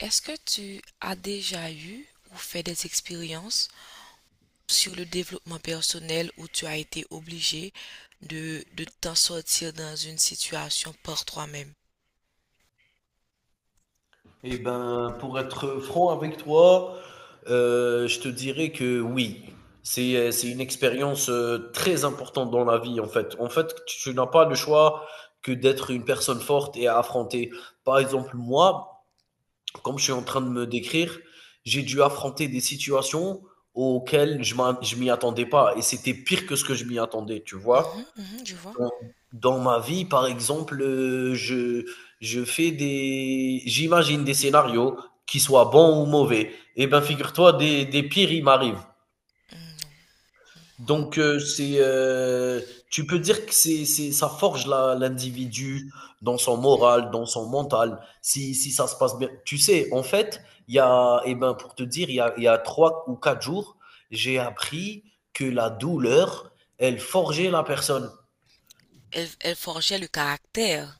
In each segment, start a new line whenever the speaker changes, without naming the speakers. Est-ce que tu as déjà eu ou fait des expériences sur le développement personnel où tu as été obligé de t'en sortir dans une situation par toi-même?
Eh ben, pour être franc avec toi, je te dirais que oui, c'est une expérience très importante dans la vie en fait. En fait, tu n'as pas le choix que d'être une personne forte et à affronter. Par exemple, moi, comme je suis en train de me décrire, j'ai dû affronter des situations auxquelles je m'y attendais pas et c'était pire que ce que je m'y attendais, tu vois.
Mhm, mhm, je vois.
Dans dans ma vie, par exemple, je fais des j'imagine des scénarios, qui soient bons ou mauvais. Eh ben, figure-toi, des pires, ils m'arrivent.
Mm. Wow.
Donc, tu peux dire que c'est ça forge la l'individu dans son moral, dans son mental, si ça se passe bien. Tu sais, en fait, il y a eh ben, pour te dire, il y a 3 ou 4 jours, j'ai appris que la douleur, elle forgeait la personne.
Elle forgeait le caractère.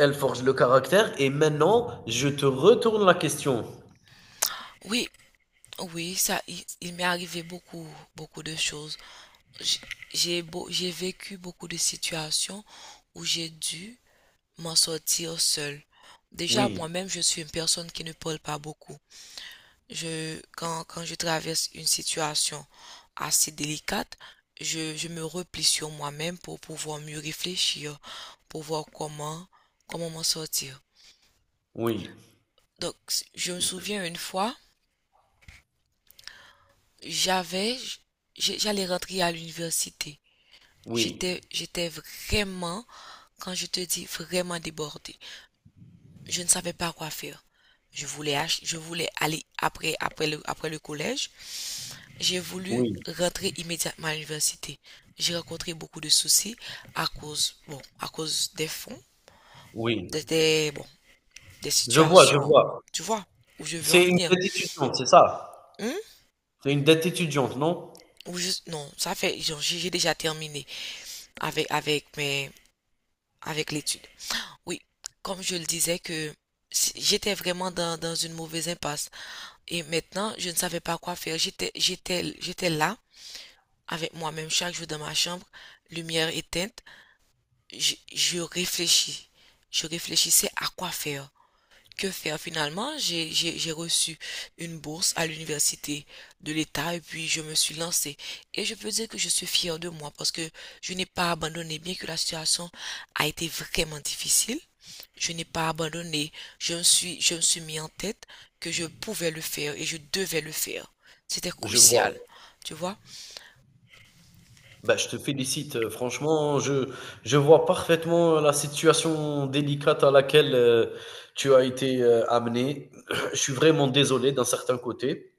Elle forge le caractère. Et maintenant, je te retourne la question.
Oui, oui, ça, il m'est arrivé beaucoup, beaucoup de choses. J- j'ai vécu beaucoup de situations où j'ai dû m'en sortir seule. Déjà,
Oui,
moi-même, je suis une personne qui ne parle pas beaucoup. Quand je traverse une situation assez délicate, je me replie sur moi-même pour pouvoir mieux réfléchir, pour voir comment m'en sortir.
oui,
Donc, je me souviens une fois, j'avais, j'allais rentrer à l'université.
oui,
J'étais vraiment, quand je te dis vraiment débordée. Je ne savais pas quoi faire. Je voulais, je voulais aller après le collège. J'ai voulu
oui,
rentrer immédiatement à l'université. J'ai rencontré beaucoup de soucis à cause des fonds,
oui.
des, des- bon, des
Je vois, je
situations,
vois.
tu vois, où je veux en
C'est une
venir.
dette étudiante, c'est ça?
Hum?
C'est une dette étudiante, non?
Ou juste, non, ça fait, genre, j'ai déjà terminé avec, avec mes, avec l'étude. Oui, comme je le disais que j'étais vraiment dans une mauvaise impasse. Et maintenant, je ne savais pas quoi faire. J'étais là avec moi-même chaque jour dans ma chambre, lumière éteinte. Je réfléchis. Je réfléchissais à quoi faire. Que faire finalement? J'ai reçu une bourse à l'université de l'État et puis je me suis lancée. Et je peux dire que je suis fière de moi parce que je n'ai pas abandonné, bien que la situation a été vraiment difficile. Je n'ai pas abandonné. Je me suis mis en tête que je pouvais le faire et je devais le faire. C'était
Je vois.
crucial, tu vois.
Bah, je te félicite. Franchement, je vois parfaitement la situation délicate à laquelle tu as été amené. Je suis vraiment désolé d'un certain côté.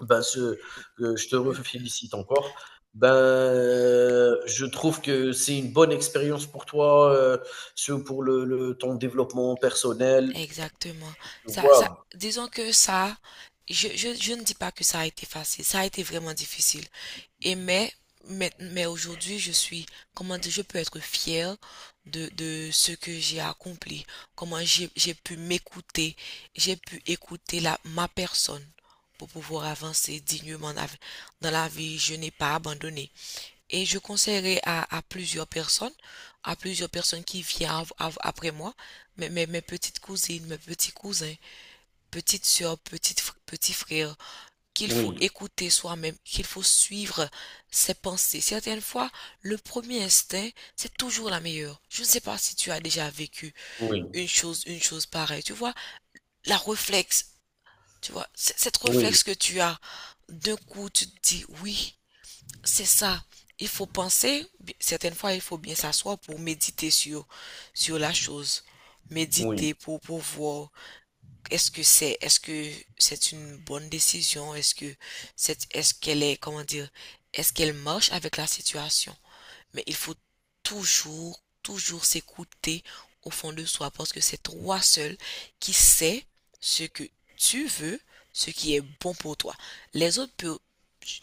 Ben, ce je te refélicite encore. Ben, je trouve que c'est une bonne expérience pour toi, ce pour le ton développement personnel,
Exactement.
tu
Ça, ça,
vois?
disons que ça, je ne dis pas que ça a été facile, ça a été vraiment difficile. Et mais, mais aujourd'hui, comment dire, je peux être fière de ce que j'ai accompli, comment j'ai pu m'écouter, j'ai pu écouter ma personne pour pouvoir avancer dignement dans la vie. Dans la vie, je n'ai pas abandonné. Et je conseillerais à plusieurs personnes, qui viennent après moi, mes petites cousines, mes petits cousins, petites soeurs, petits frères, qu'il faut
Oui,
écouter soi-même, qu'il faut suivre ses pensées. Certaines fois, le premier instinct, c'est toujours la meilleure. Je ne sais pas si tu as déjà vécu
oui,
une chose pareille. Tu vois, la réflexe, tu vois, cette
oui,
réflexe que tu as, d'un coup, tu te dis oui. C'est ça. Il faut penser, certaines fois, il faut bien s'asseoir pour méditer sur la chose.
oui,
Méditer pour voir est-ce que c'est une bonne décision, est-ce que c'est, est-ce qu'elle est, comment dire, est-ce qu'elle marche avec la situation. Mais il faut toujours, toujours s'écouter au fond de soi parce que c'est toi seul qui sais ce que tu veux, ce qui est bon pour toi. Les autres peuvent,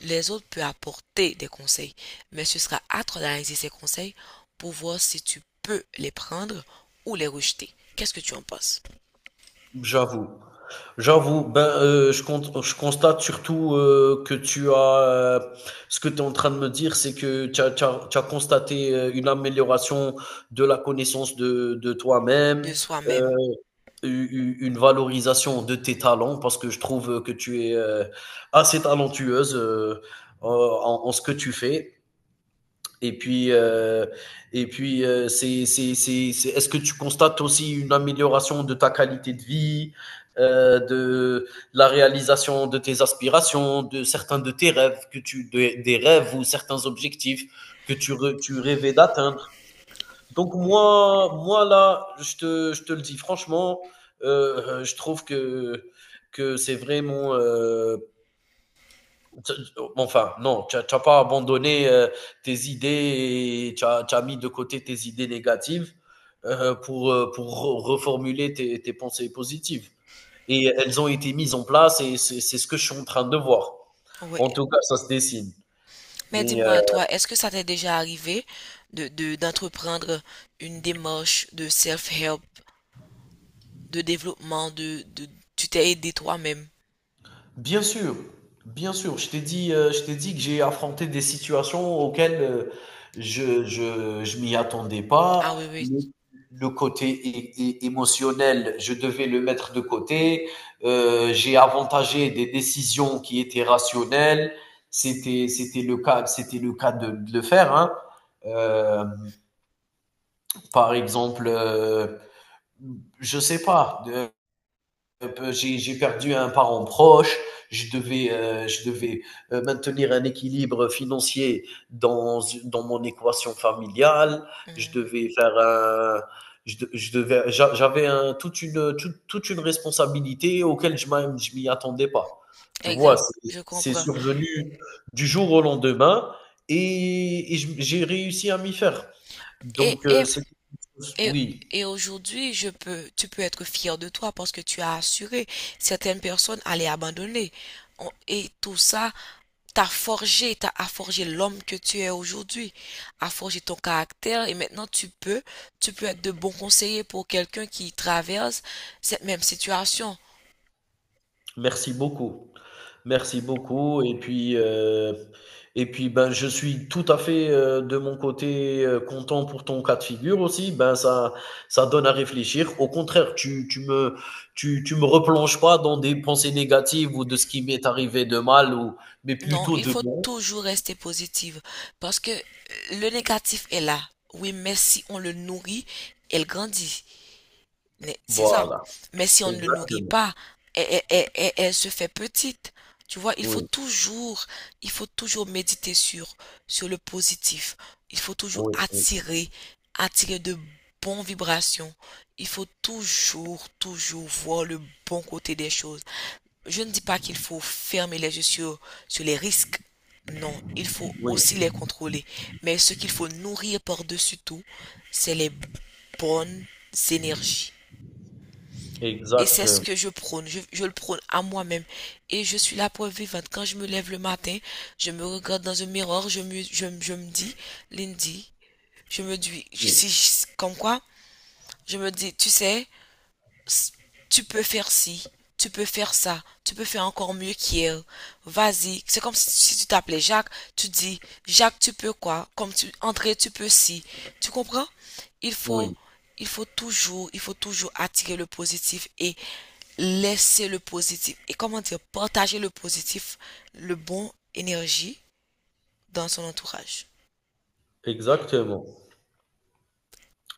les autres peuvent apporter des conseils, mais ce sera à toi d'analyser ces conseils pour voir si tu peux les prendre ou les rejeter. Qu'est-ce que tu en penses
j'avoue. J'avoue, ben, je constate surtout, que ce que tu es en train de me dire, c'est que tu as constaté, une amélioration de la connaissance de
de
toi-même, euh,
soi-même?
une valorisation de tes talents parce que je trouve que tu es assez talentueuse en ce que tu fais. Et puis, euh, et puis, est-ce que tu constates aussi une amélioration de ta qualité de vie, de la réalisation de tes aspirations, de certains de tes rêves, des rêves ou certains objectifs tu rêvais d'atteindre? Donc moi là, je te le dis franchement, je trouve que c'est vraiment, t- enfin, non, tu n'as pas abandonné tes idées et tu as mis de côté tes idées négatives, pour reformuler tes pensées positives. Et elles ont été mises en place et c'est ce que je suis en train de voir.
Oui.
En tout cas, ça se dessine.
Mais
Mais euh,
dis-moi, toi, est-ce que ça t'est déjà arrivé d'entreprendre une démarche de self-help de développement, de tu t'es aidé toi-même.
Bien sûr, bien sûr. Je t'ai dit que j'ai affronté des situations auxquelles je m'y attendais pas.
Ah oui, oui.
Le côté émotionnel, je devais le mettre de côté. J'ai avantagé des décisions qui étaient rationnelles. C'était le cas de le faire, hein. Euh, par exemple, je sais pas. J'ai perdu un parent proche, je devais maintenir un équilibre financier dans mon équation familiale, je
Hmm,
devais faire un je de je devais j'a j'avais un toute une, toute toute une responsabilité auquel je m'y attendais pas. Tu vois?
exact,
C'est
je
c'est
comprends.
survenu du jour au lendemain et je j'ai réussi à m'y faire.
Et,
Donc
et,
c'est
et,
oui.
et aujourd'hui, tu peux être fier de toi parce que tu as assuré. Certaines personnes allaient abandonner. Et tout ça t'a a forgé l'homme que tu es aujourd'hui, a forgé ton caractère. Et maintenant, tu peux être de bons conseillers pour quelqu'un qui traverse cette même situation.
Merci beaucoup. Merci beaucoup et puis, ben, je suis tout à fait, de mon côté, content pour ton cas de figure aussi. Ben, ça donne à réfléchir. Au contraire, tu me replonges pas dans des pensées négatives ou de ce qui m'est arrivé de mal, ou mais
Non,
plutôt
il
de
faut
bon.
toujours rester positive parce que le négatif est là. Oui, mais si on le nourrit, elle grandit. Mais c'est ça.
Voilà,
Mais si on ne le nourrit
exactement.
pas, elle se fait petite. Tu vois, il faut
Oui,
toujours, il faut toujours méditer sur le positif. Il faut toujours
oui, oui,
attirer de bonnes vibrations. Il faut toujours, toujours voir le bon côté des choses. Je ne dis pas qu'il faut fermer les yeux sur les risques. Non, il faut
oui,
aussi les contrôler. Mais ce qu'il faut nourrir par-dessus tout, c'est les bonnes énergies. Et c'est ce
exactement.
que je prône. Je le prône à moi-même. Et je suis la preuve vivante. Quand je me lève le matin, je me regarde dans un miroir, je me dis, Lindy, je me dis,
Oui,
si, comme quoi, je me dis, tu sais, S- tu peux faire ci, tu peux faire ça, tu peux faire encore mieux qu'hier. Vas-y. C'est comme si tu t'appelais Jacques, tu dis, Jacques, tu peux quoi? Comme tu, André, tu peux ci. Tu comprends? Il faut,
oui,
il faut toujours attirer le positif et laisser le positif. Et comment dire, partager le positif, le bon énergie dans son entourage.
exactement.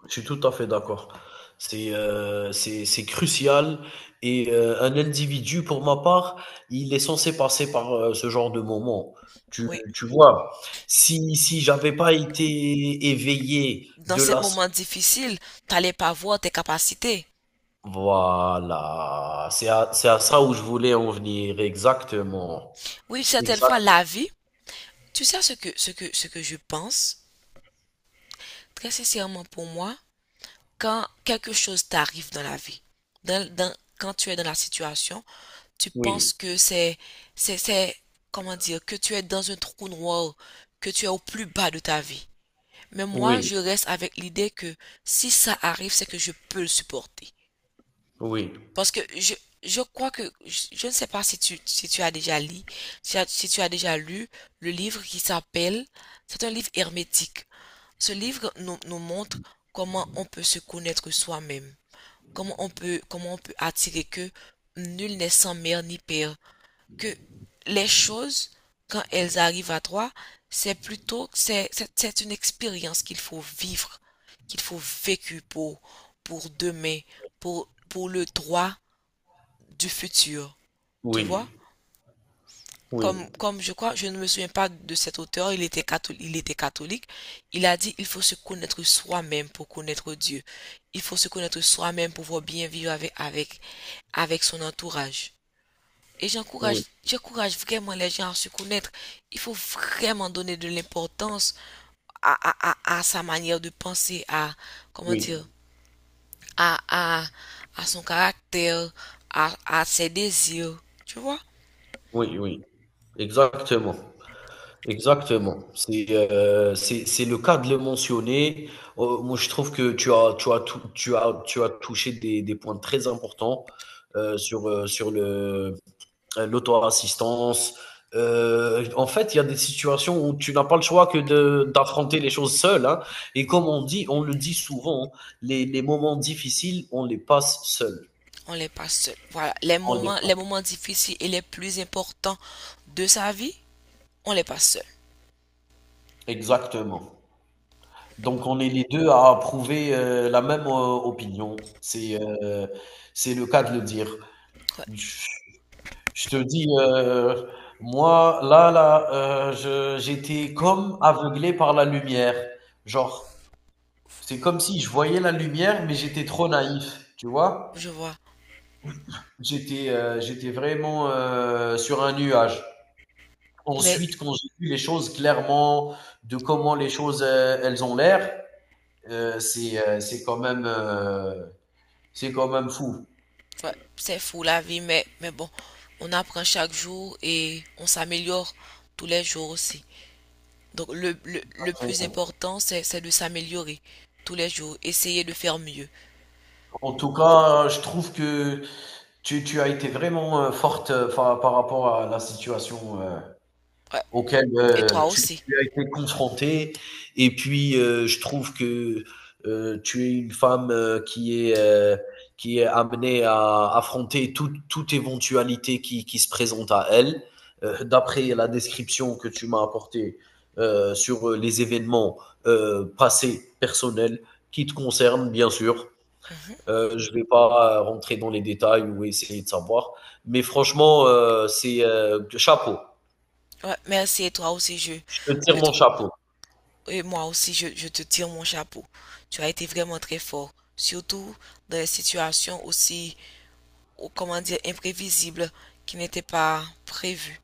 Je suis tout à fait d'accord. C'est crucial et un individu, pour ma part, il est censé passer par ce genre de moment. Tu,
Oui.
tu vois, si j'avais pas été éveillé
Dans
de
ce
la.
moment difficile, t'allais pas voir tes capacités.
Voilà, c'est à, ça où je voulais en venir, exactement.
Oui, certaines
Exact,
fois, tu sais ce que je pense, très sincèrement pour moi, quand quelque chose t'arrive dans la vie, quand tu es dans la situation, tu
oui,
penses que c'est, c'est, comment dire, que tu es dans un trou noir, que tu es au plus bas de ta vie. Mais moi,
oui,
je reste avec l'idée que si ça arrive, c'est que je peux le supporter.
oui,
Parce que je crois que, je ne sais pas si tu as déjà lu, si, as- si tu as déjà lu le livre qui s'appelle, c'est un livre hermétique. Ce livre nous montre comment on peut se connaître soi-même, comment on peut attirer que nul n'est sans mère ni père, que les choses, quand elles arrivent à toi, c'est plutôt, c'est une expérience qu'il faut vivre, qu'il faut vécu pour demain, pour le droit du futur, tu
oui,
vois?
oui,
Comme je crois, je ne me souviens pas de cet auteur, il était catholique, il était catholique. Il a dit, il faut se connaître soi-même pour connaître Dieu. Il faut se connaître soi-même pour pouvoir bien vivre avec son entourage. Et j'encourage,
oui,
j'encourage vraiment les gens à se connaître. Il faut vraiment donner de l'importance à sa manière de penser, comment
oui,
dire,
oui,
à, à, à son caractère, à ses désirs, tu vois?
oui, oui. Exactement. Exactement. C'est le cas de le mentionner. Moi, je trouve que tu as touché des points très importants sur sur le l'auto-assistance. En fait, il y a des situations où tu n'as pas le choix que de d'affronter les choses seul, hein. Et comme on dit, on le dit souvent, les moments difficiles, on les passe seul.
On n'est pas seul. Voilà, les
On les
moments,
passe.
les moments difficiles et les plus importants de sa vie, on n'est pas seul.
Exactement. Donc on est les 2 à approuver, la même, opinion. C'est le cas de le dire.
Ouais,
Je je te dis, moi là, je j'étais comme aveuglé par la lumière. Genre, c'est comme si je voyais la lumière, mais j'étais trop naïf, tu vois?
je vois.
J'étais vraiment, sur un nuage.
Mais
Ensuite, quand j'ai vu les choses clairement, de comment les choses, elles ont l'air, heu, c'est, heu, c'est quand même, heu c'est quand même fou.
ouais, c'est fou la vie, mais, bon, on apprend chaque jour et on s'améliore tous les jours aussi. Donc le plus important, c'est de s'améliorer tous les jours, essayer de faire mieux.
En tout cas, je trouve que tu as été vraiment forte par rapport à la situation
Ouais,
auquel
et toi
tu,
aussi.
tu as été confrontée. Et puis, je trouve que tu es une femme qui est amenée à affronter toute éventualité qui se présente à elle. D'après la description que tu m'as apportée sur les événements passés personnels qui te concernent, bien sûr.
Mhm.
Je ne vais pas rentrer dans les détails ou essayer de savoir. Mais franchement, c'est chapeau.
Ouais, merci et toi aussi, je,
Je te
je
tire mon
trouve.
chapeau.
Et moi aussi, je te tire mon chapeau. Tu as été vraiment très fort, surtout dans des situations aussi, ou comment dire, imprévisibles qui n'étaient pas prévues.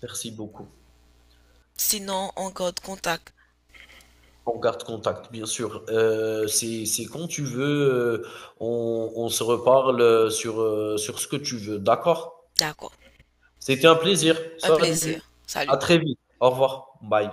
Merci beaucoup.
Sinon, on garde contact.
On garde contact, bien sûr. C'est quand tu veux, on se reparle sur ce que tu veux. D'accord.
D'accord.
C'était un plaisir.
Un plaisir.
Salut. À
Salut.
très vite. Au revoir. Bye.